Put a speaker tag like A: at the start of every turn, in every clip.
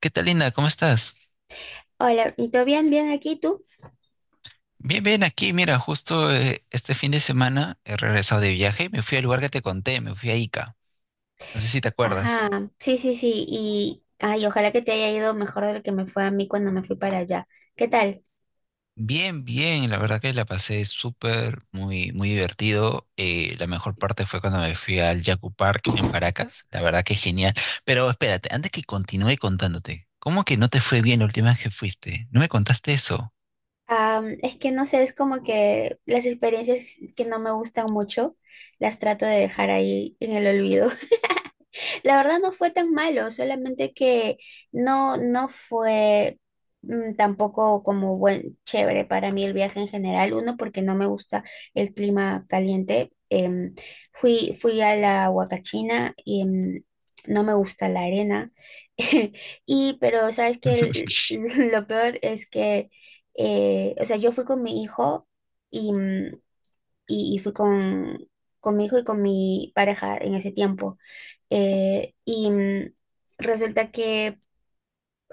A: ¿Qué tal, Linda? ¿Cómo estás?
B: Hola, ¿y todo bien? ¿Bien aquí tú?
A: Bien, bien, aquí, mira, justo este fin de semana he regresado de viaje y me fui al lugar que te conté, me fui a Ica. No sé si te acuerdas.
B: Ajá, sí, sí, sí, y ay, ojalá que te haya ido mejor de lo que me fue a mí cuando me fui para allá. ¿Qué tal?
A: Bien, bien, la verdad que la pasé súper, muy, muy divertido. La mejor parte fue cuando me fui al Yaku Park en Paracas. La verdad que genial. Pero espérate, antes que continúe contándote, ¿cómo que no te fue bien la última vez que fuiste? ¿No me contaste eso?
B: Es que no sé, es como que las experiencias que no me gustan mucho las trato de dejar ahí en el olvido. La verdad no fue tan malo, solamente que no, no fue tampoco como buen chévere para mí el viaje en general. Uno, porque no me gusta el clima caliente. Fui a la Huacachina y no me gusta la arena. Y, pero, ¿sabes que lo peor es que, o sea, yo fui con mi hijo y, mm, y, y fui con mi hijo y con mi pareja en ese tiempo. Y resulta que,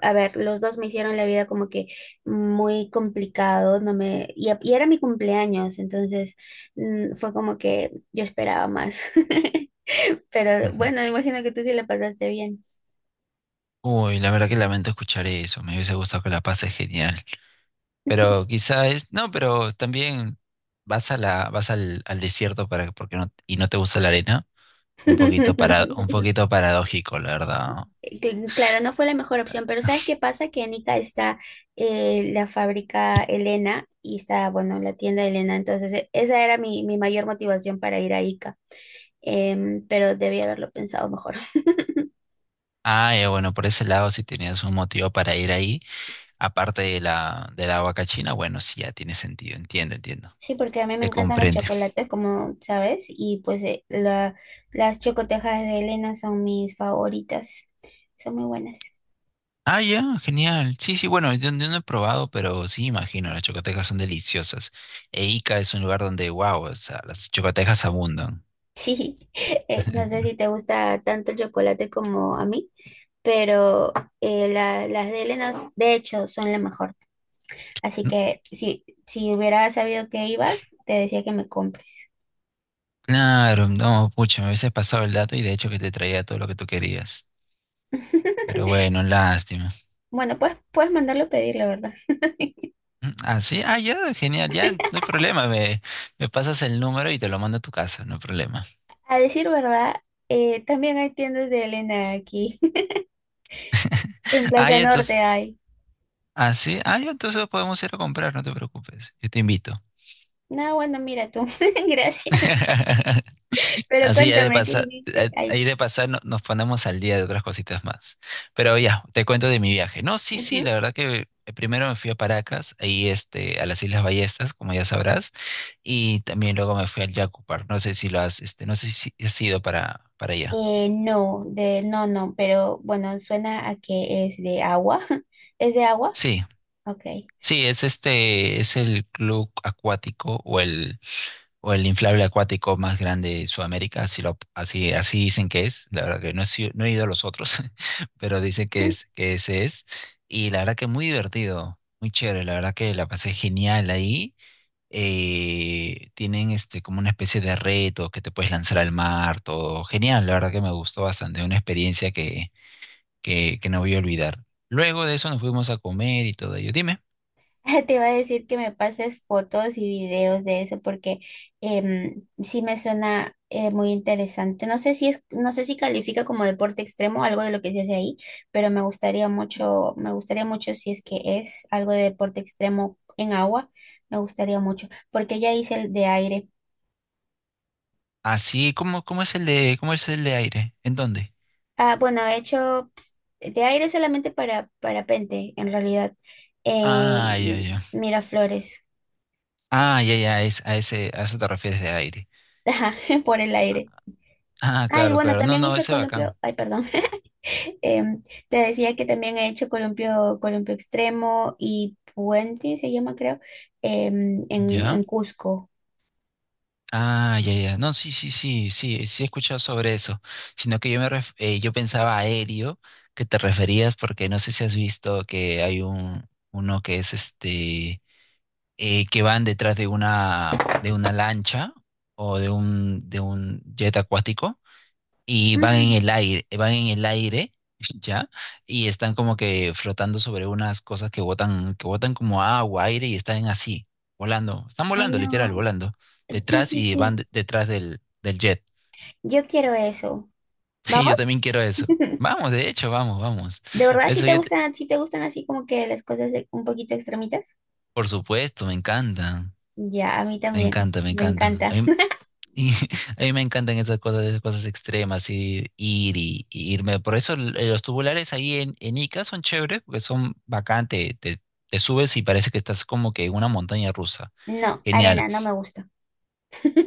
B: a ver, los dos me hicieron la vida como que muy complicado, no me, y, y era mi cumpleaños, entonces fue como que yo esperaba más. Pero
A: Ujú.
B: bueno, me imagino que tú sí la pasaste bien.
A: Uy, la verdad que lamento escuchar eso. Me hubiese gustado que la pases genial. Pero quizá es, no, pero también vas al al desierto para, porque no, y no te gusta la arena. Un poquito para, un poquito paradójico, la verdad.
B: Claro, no fue la mejor opción, pero ¿sabes qué pasa? Que en Ica está la fábrica Elena y está, bueno, la tienda de Elena, entonces esa era mi mayor motivación para ir a Ica. Pero debía haberlo pensado mejor.
A: Ah, ya, bueno, por ese lado, si tenías un motivo para ir ahí, aparte de la vaca china, bueno, sí, ya tiene sentido, entiendo, entiendo.
B: Sí, porque a mí me
A: Se
B: encantan los
A: comprende.
B: chocolates, como sabes, y pues las chocotejas de Elena son mis favoritas, son muy buenas.
A: Ah, ya, genial. Sí, sí, bueno, yo no he probado, pero sí, imagino, las chocotecas son deliciosas. E Ica es un lugar donde, wow, o sea, las chocotecas abundan.
B: Sí, no sé si te gusta tanto el chocolate como a mí, pero las de Elena, de hecho, son la mejor. Así que si hubiera sabido que ibas, te decía que me compres.
A: Claro, no, pucha, me hubiese pasado el dato y de hecho que te traía todo lo que tú querías. Pero bueno, lástima.
B: Bueno, pues puedes mandarlo a pedir, la verdad.
A: Ah, sí, ah, ya, genial, ya, no hay problema, me pasas el número y te lo mando a tu casa, no hay problema.
B: A decir verdad, también hay tiendas de Elena aquí. En
A: Ah,
B: Plaza
A: ya, entonces,
B: Norte hay.
A: ah, sí, ah, ya, entonces podemos ir a comprar, no te preocupes, yo te invito.
B: No, bueno, mira tú. Gracias. Pero
A: Así hay de
B: cuéntame, ¿qué
A: pasar,
B: viste? Ay,
A: ahí de pasar nos ponemos al día de otras cositas más. Pero ya, te cuento de mi viaje. No, sí, sí, la
B: ujú.
A: verdad que primero me fui a Paracas, ahí este, a las Islas Ballestas, como ya sabrás, y también luego me fui al Yacupar. No sé si lo has, este, no sé si has ido para allá.
B: No, no, no, pero bueno, suena a que es de agua. ¿Es de agua?
A: Sí,
B: Ok.
A: sí, es este, es el club acuático o el inflable acuático más grande de Sudamérica, así, lo, así, así dicen que es, la verdad que no he, no he ido a los otros, pero dicen que, es, que ese es, y la verdad que muy divertido, muy chévere, la verdad que la pasé genial ahí, tienen este, como una especie de reto que te puedes lanzar al mar, todo genial, la verdad que me gustó bastante, una experiencia que, que no voy a olvidar. Luego de eso nos fuimos a comer y todo ello, dime,
B: Te iba a decir que me pases fotos y videos de eso porque sí me suena muy interesante. No sé si califica como deporte extremo algo de lo que se hace ahí, pero me gustaría mucho si es que es algo de deporte extremo en agua, me gustaría mucho, porque ya hice el de aire.
A: así, ¿cómo, cómo es el de, cómo es el de aire? ¿En dónde?
B: Ah, bueno, he hecho pues, de aire solamente para parapente, en realidad. Eh,
A: Ah, ya, ya.
B: Miraflores.
A: Ah, ya, ya, es, a ese, a eso te refieres de aire.
B: Ajá, por el aire.
A: Ah,
B: Ay,
A: claro,
B: bueno,
A: claro. No,
B: también
A: no,
B: hice
A: ese
B: columpio.
A: bacán.
B: Ay, perdón. Em, te decía que también he hecho columpio, columpio extremo y puente, se llama creo,
A: ¿Ya?
B: en Cusco.
A: Ah, ya, ya. No, sí, sí, sí, sí, sí he escuchado sobre eso. Sino que yo me yo pensaba aéreo, que te referías, porque no sé si has visto que hay un uno que es este que van detrás de una lancha o de un jet acuático, y van en
B: Mm,
A: el aire, van en el aire. ¿Ya? Y están como que flotando sobre unas cosas que botan como agua, aire y están así, volando, están
B: ay,
A: volando,
B: no.
A: literal, volando,
B: Sí,
A: detrás
B: sí,
A: y
B: sí.
A: van detrás del, del jet.
B: Yo quiero eso.
A: Sí, yo
B: ¿Vamos?
A: también quiero eso. Vamos, de hecho, vamos, vamos.
B: ¿De verdad si
A: Eso
B: te
A: yo,
B: gustan, así como que las cosas un poquito extremitas?
A: por supuesto, me encantan,
B: Ya, a mí
A: me
B: también.
A: encanta, me
B: Me
A: encantan.
B: encanta.
A: Y a mí me encantan esas cosas extremas, y ir y irme. Por eso los tubulares ahí en Ica son chéveres, porque son bacán, te, te subes y parece que estás como que en una montaña rusa.
B: No,
A: Genial,
B: arena no me gusta.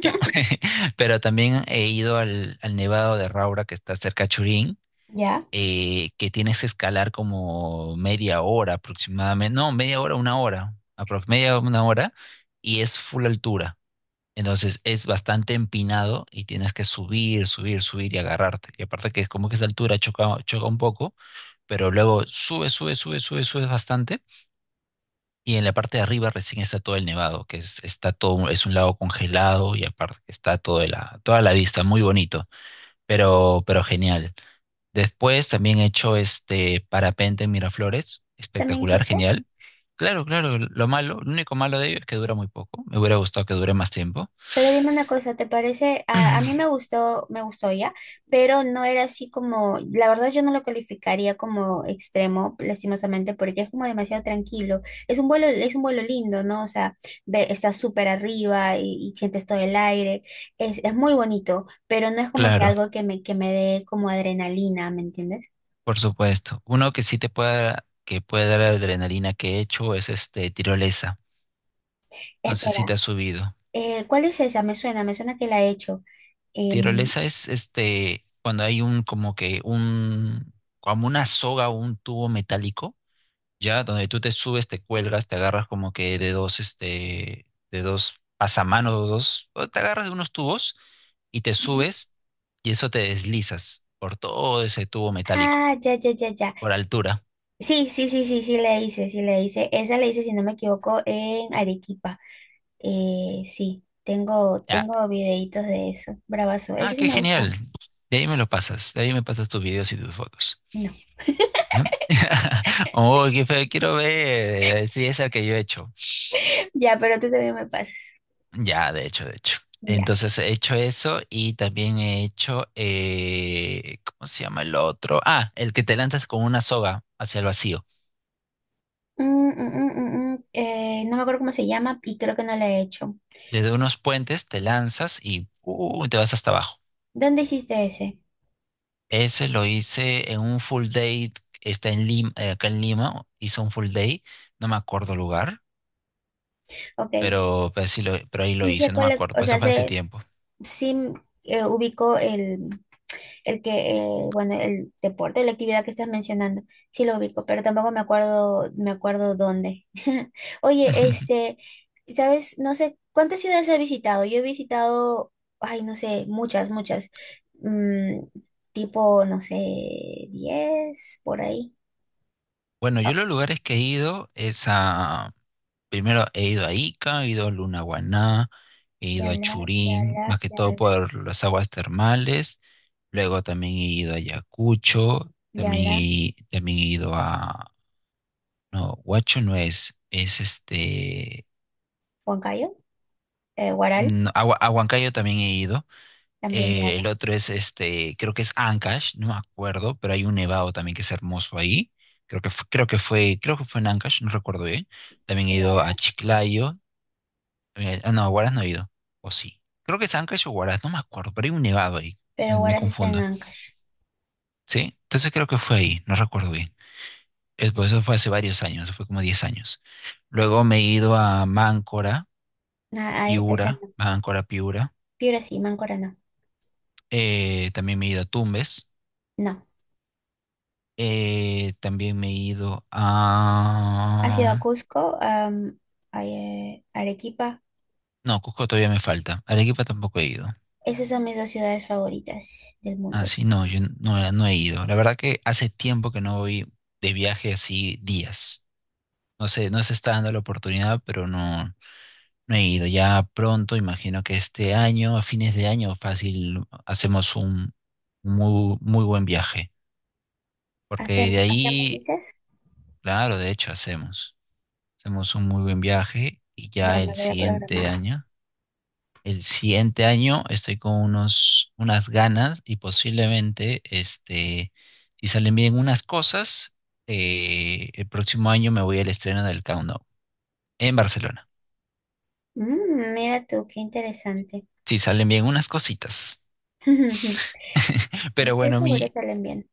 A: ya. Pero también he ido al, al Nevado de Raura, que está cerca de Churín,
B: ¿Ya?
A: que tienes que escalar como media hora aproximadamente, no, media hora, una hora, aprox media una hora, y es full altura. Entonces es bastante empinado y tienes que subir, subir, subir y agarrarte. Y aparte que es como que esa altura choca, choca un poco, pero luego sube, sube, sube, sube, sube bastante. Y en la parte de arriba recién está todo el nevado, que es, está todo, es un lago congelado y aparte que está toda la vista, muy bonito, pero genial. Después también he hecho este parapente en Miraflores,
B: ¿También
A: espectacular,
B: hiciste?
A: genial. Claro, claro, lo malo, lo único malo de ello es que dura muy poco. Me hubiera gustado que dure más tiempo.
B: Pero dime una cosa, ¿te parece? A mí me gustó, ya, pero no era así como, la verdad yo no lo calificaría como extremo, lastimosamente, porque es como demasiado tranquilo. Es un vuelo lindo, ¿no? O sea, ve, estás súper arriba y, sientes todo el aire. Es muy bonito, pero no es como que
A: Claro.
B: algo que me, dé como adrenalina, ¿me entiendes?
A: Por supuesto. Uno que sí te puede, que puede dar adrenalina que he hecho es este tirolesa. No sé si
B: Espera,
A: te has subido.
B: ¿cuál es esa? Me suena que la he hecho. Em,
A: Tirolesa es este cuando hay un como que un como una soga o un tubo metálico, ya donde tú te subes, te cuelgas, te agarras como que de dos este de dos pasamanos, o dos, o te agarras de unos tubos y te subes y eso te deslizas por todo ese tubo metálico
B: ah, ya, ya, ya, ya.
A: por altura.
B: Sí, sí, sí, sí, sí le hice, sí le hice. Esa le hice, si no me equivoco, en Arequipa. Sí, tengo videitos de eso. Bravazo.
A: Ah,
B: Ese sí
A: qué
B: me
A: genial.
B: gusta.
A: De ahí me lo pasas. De ahí me pasas tus videos y tus fotos.
B: No.
A: ¿Ya? Oh, qué feo. Quiero ver. Sí, es el que yo he hecho.
B: Ya, pero tú también me pasas.
A: Ya, de hecho, de hecho.
B: Ya.
A: Entonces he hecho eso y también he hecho, ¿cómo se llama el otro? Ah, el que te lanzas con una soga hacia el vacío.
B: Mm. No me acuerdo cómo se llama y creo que no la he hecho.
A: Desde unos puentes te lanzas y te vas hasta abajo.
B: ¿Dónde hiciste ese?
A: Ese lo hice en un full day, está en Lima, acá en Lima, hice un full day, no me acuerdo lugar
B: Ok.
A: pero, sí lo, pero ahí lo
B: Sí sé
A: hice, no me
B: cuál,
A: acuerdo,
B: o
A: pues eso
B: sea,
A: fue hace
B: sé,
A: tiempo.
B: sí ubico El que, eh, bueno, el deporte, la actividad que estás mencionando, sí lo ubico, pero tampoco me acuerdo dónde. Oye, sabes, no sé, ¿cuántas ciudades has visitado? Yo he visitado, ay, no sé, muchas, muchas, Mm, tipo, no sé, 10 por ahí.
A: Bueno,
B: Oh,
A: yo los lugares que he ido es a... Primero he ido a Ica, he ido a Lunahuaná, he ido a
B: Yala,
A: Churín,
B: Yala,
A: más que todo
B: Yala,
A: por las aguas termales. Luego también he ido a Ayacucho,
B: Yala,
A: también he ido a... No, Huacho no es, es este...
B: Huancayo, Huaral,
A: No, a, a Huancayo también he ido.
B: también Yala,
A: El otro es este, creo que es Ancash, no me acuerdo, pero hay un nevado también que es hermoso ahí. Creo que, creo que fue en Ancash, no recuerdo bien. También he ido a
B: Huaraz,
A: Chiclayo. Eh, ah, no, a Huaraz no he ido. O sí. Creo que es Ancash o Huaraz, no me acuerdo, pero hay un nevado ahí. Me,
B: pero
A: me
B: Huaraz está en
A: confundo.
B: Ancash.
A: ¿Sí? Entonces creo que fue ahí, no recuerdo bien. Pues eso fue hace varios años, eso fue como 10 años. Luego me he ido a Máncora,
B: Ah, ah, esa
A: Piura,
B: no,
A: Máncora, Piura.
B: Piura sí, Máncora no.
A: También me he ido a Tumbes.
B: No.
A: También me he ido
B: ¿Has ido a
A: a...
B: Cusco, a Arequipa?
A: No, Cusco todavía me falta. Arequipa tampoco he ido.
B: Esas son mis dos ciudades favoritas del
A: Ah,
B: mundo.
A: sí, no, yo no, no he ido. La verdad que hace tiempo que no voy de viaje así días. No sé, no se está dando la oportunidad, pero no, no he ido. Ya pronto, imagino que este año, a fines de año, fácil, hacemos un muy, muy buen viaje. Porque de
B: ¿Hacemos,
A: ahí,
B: dices?
A: claro, de hecho hacemos. Hacemos un muy buen viaje y
B: Ya
A: ya
B: me
A: el
B: voy a programar.
A: siguiente año. El siguiente año estoy con unos, unas ganas y posiblemente, este, si salen bien unas cosas, el próximo año me voy al estreno del Countdown en Barcelona.
B: Mira tú, qué interesante.
A: Si salen bien unas cositas. Pero
B: Estoy
A: bueno,
B: seguro
A: mi,
B: salen bien.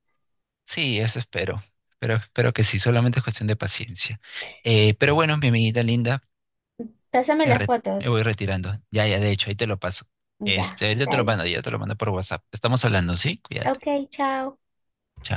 A: sí, eso espero. Pero espero que sí, solamente es cuestión de paciencia. Pero bueno, mi amiguita linda,
B: Pásame
A: me,
B: las
A: me
B: fotos.
A: voy retirando. Ya, ya, de hecho, ahí te lo paso.
B: Ya,
A: Este, yo te lo
B: dale.
A: mando, yo te lo mando por WhatsApp. Estamos hablando, ¿sí?
B: Ok,
A: Cuídate.
B: chao.
A: Chao.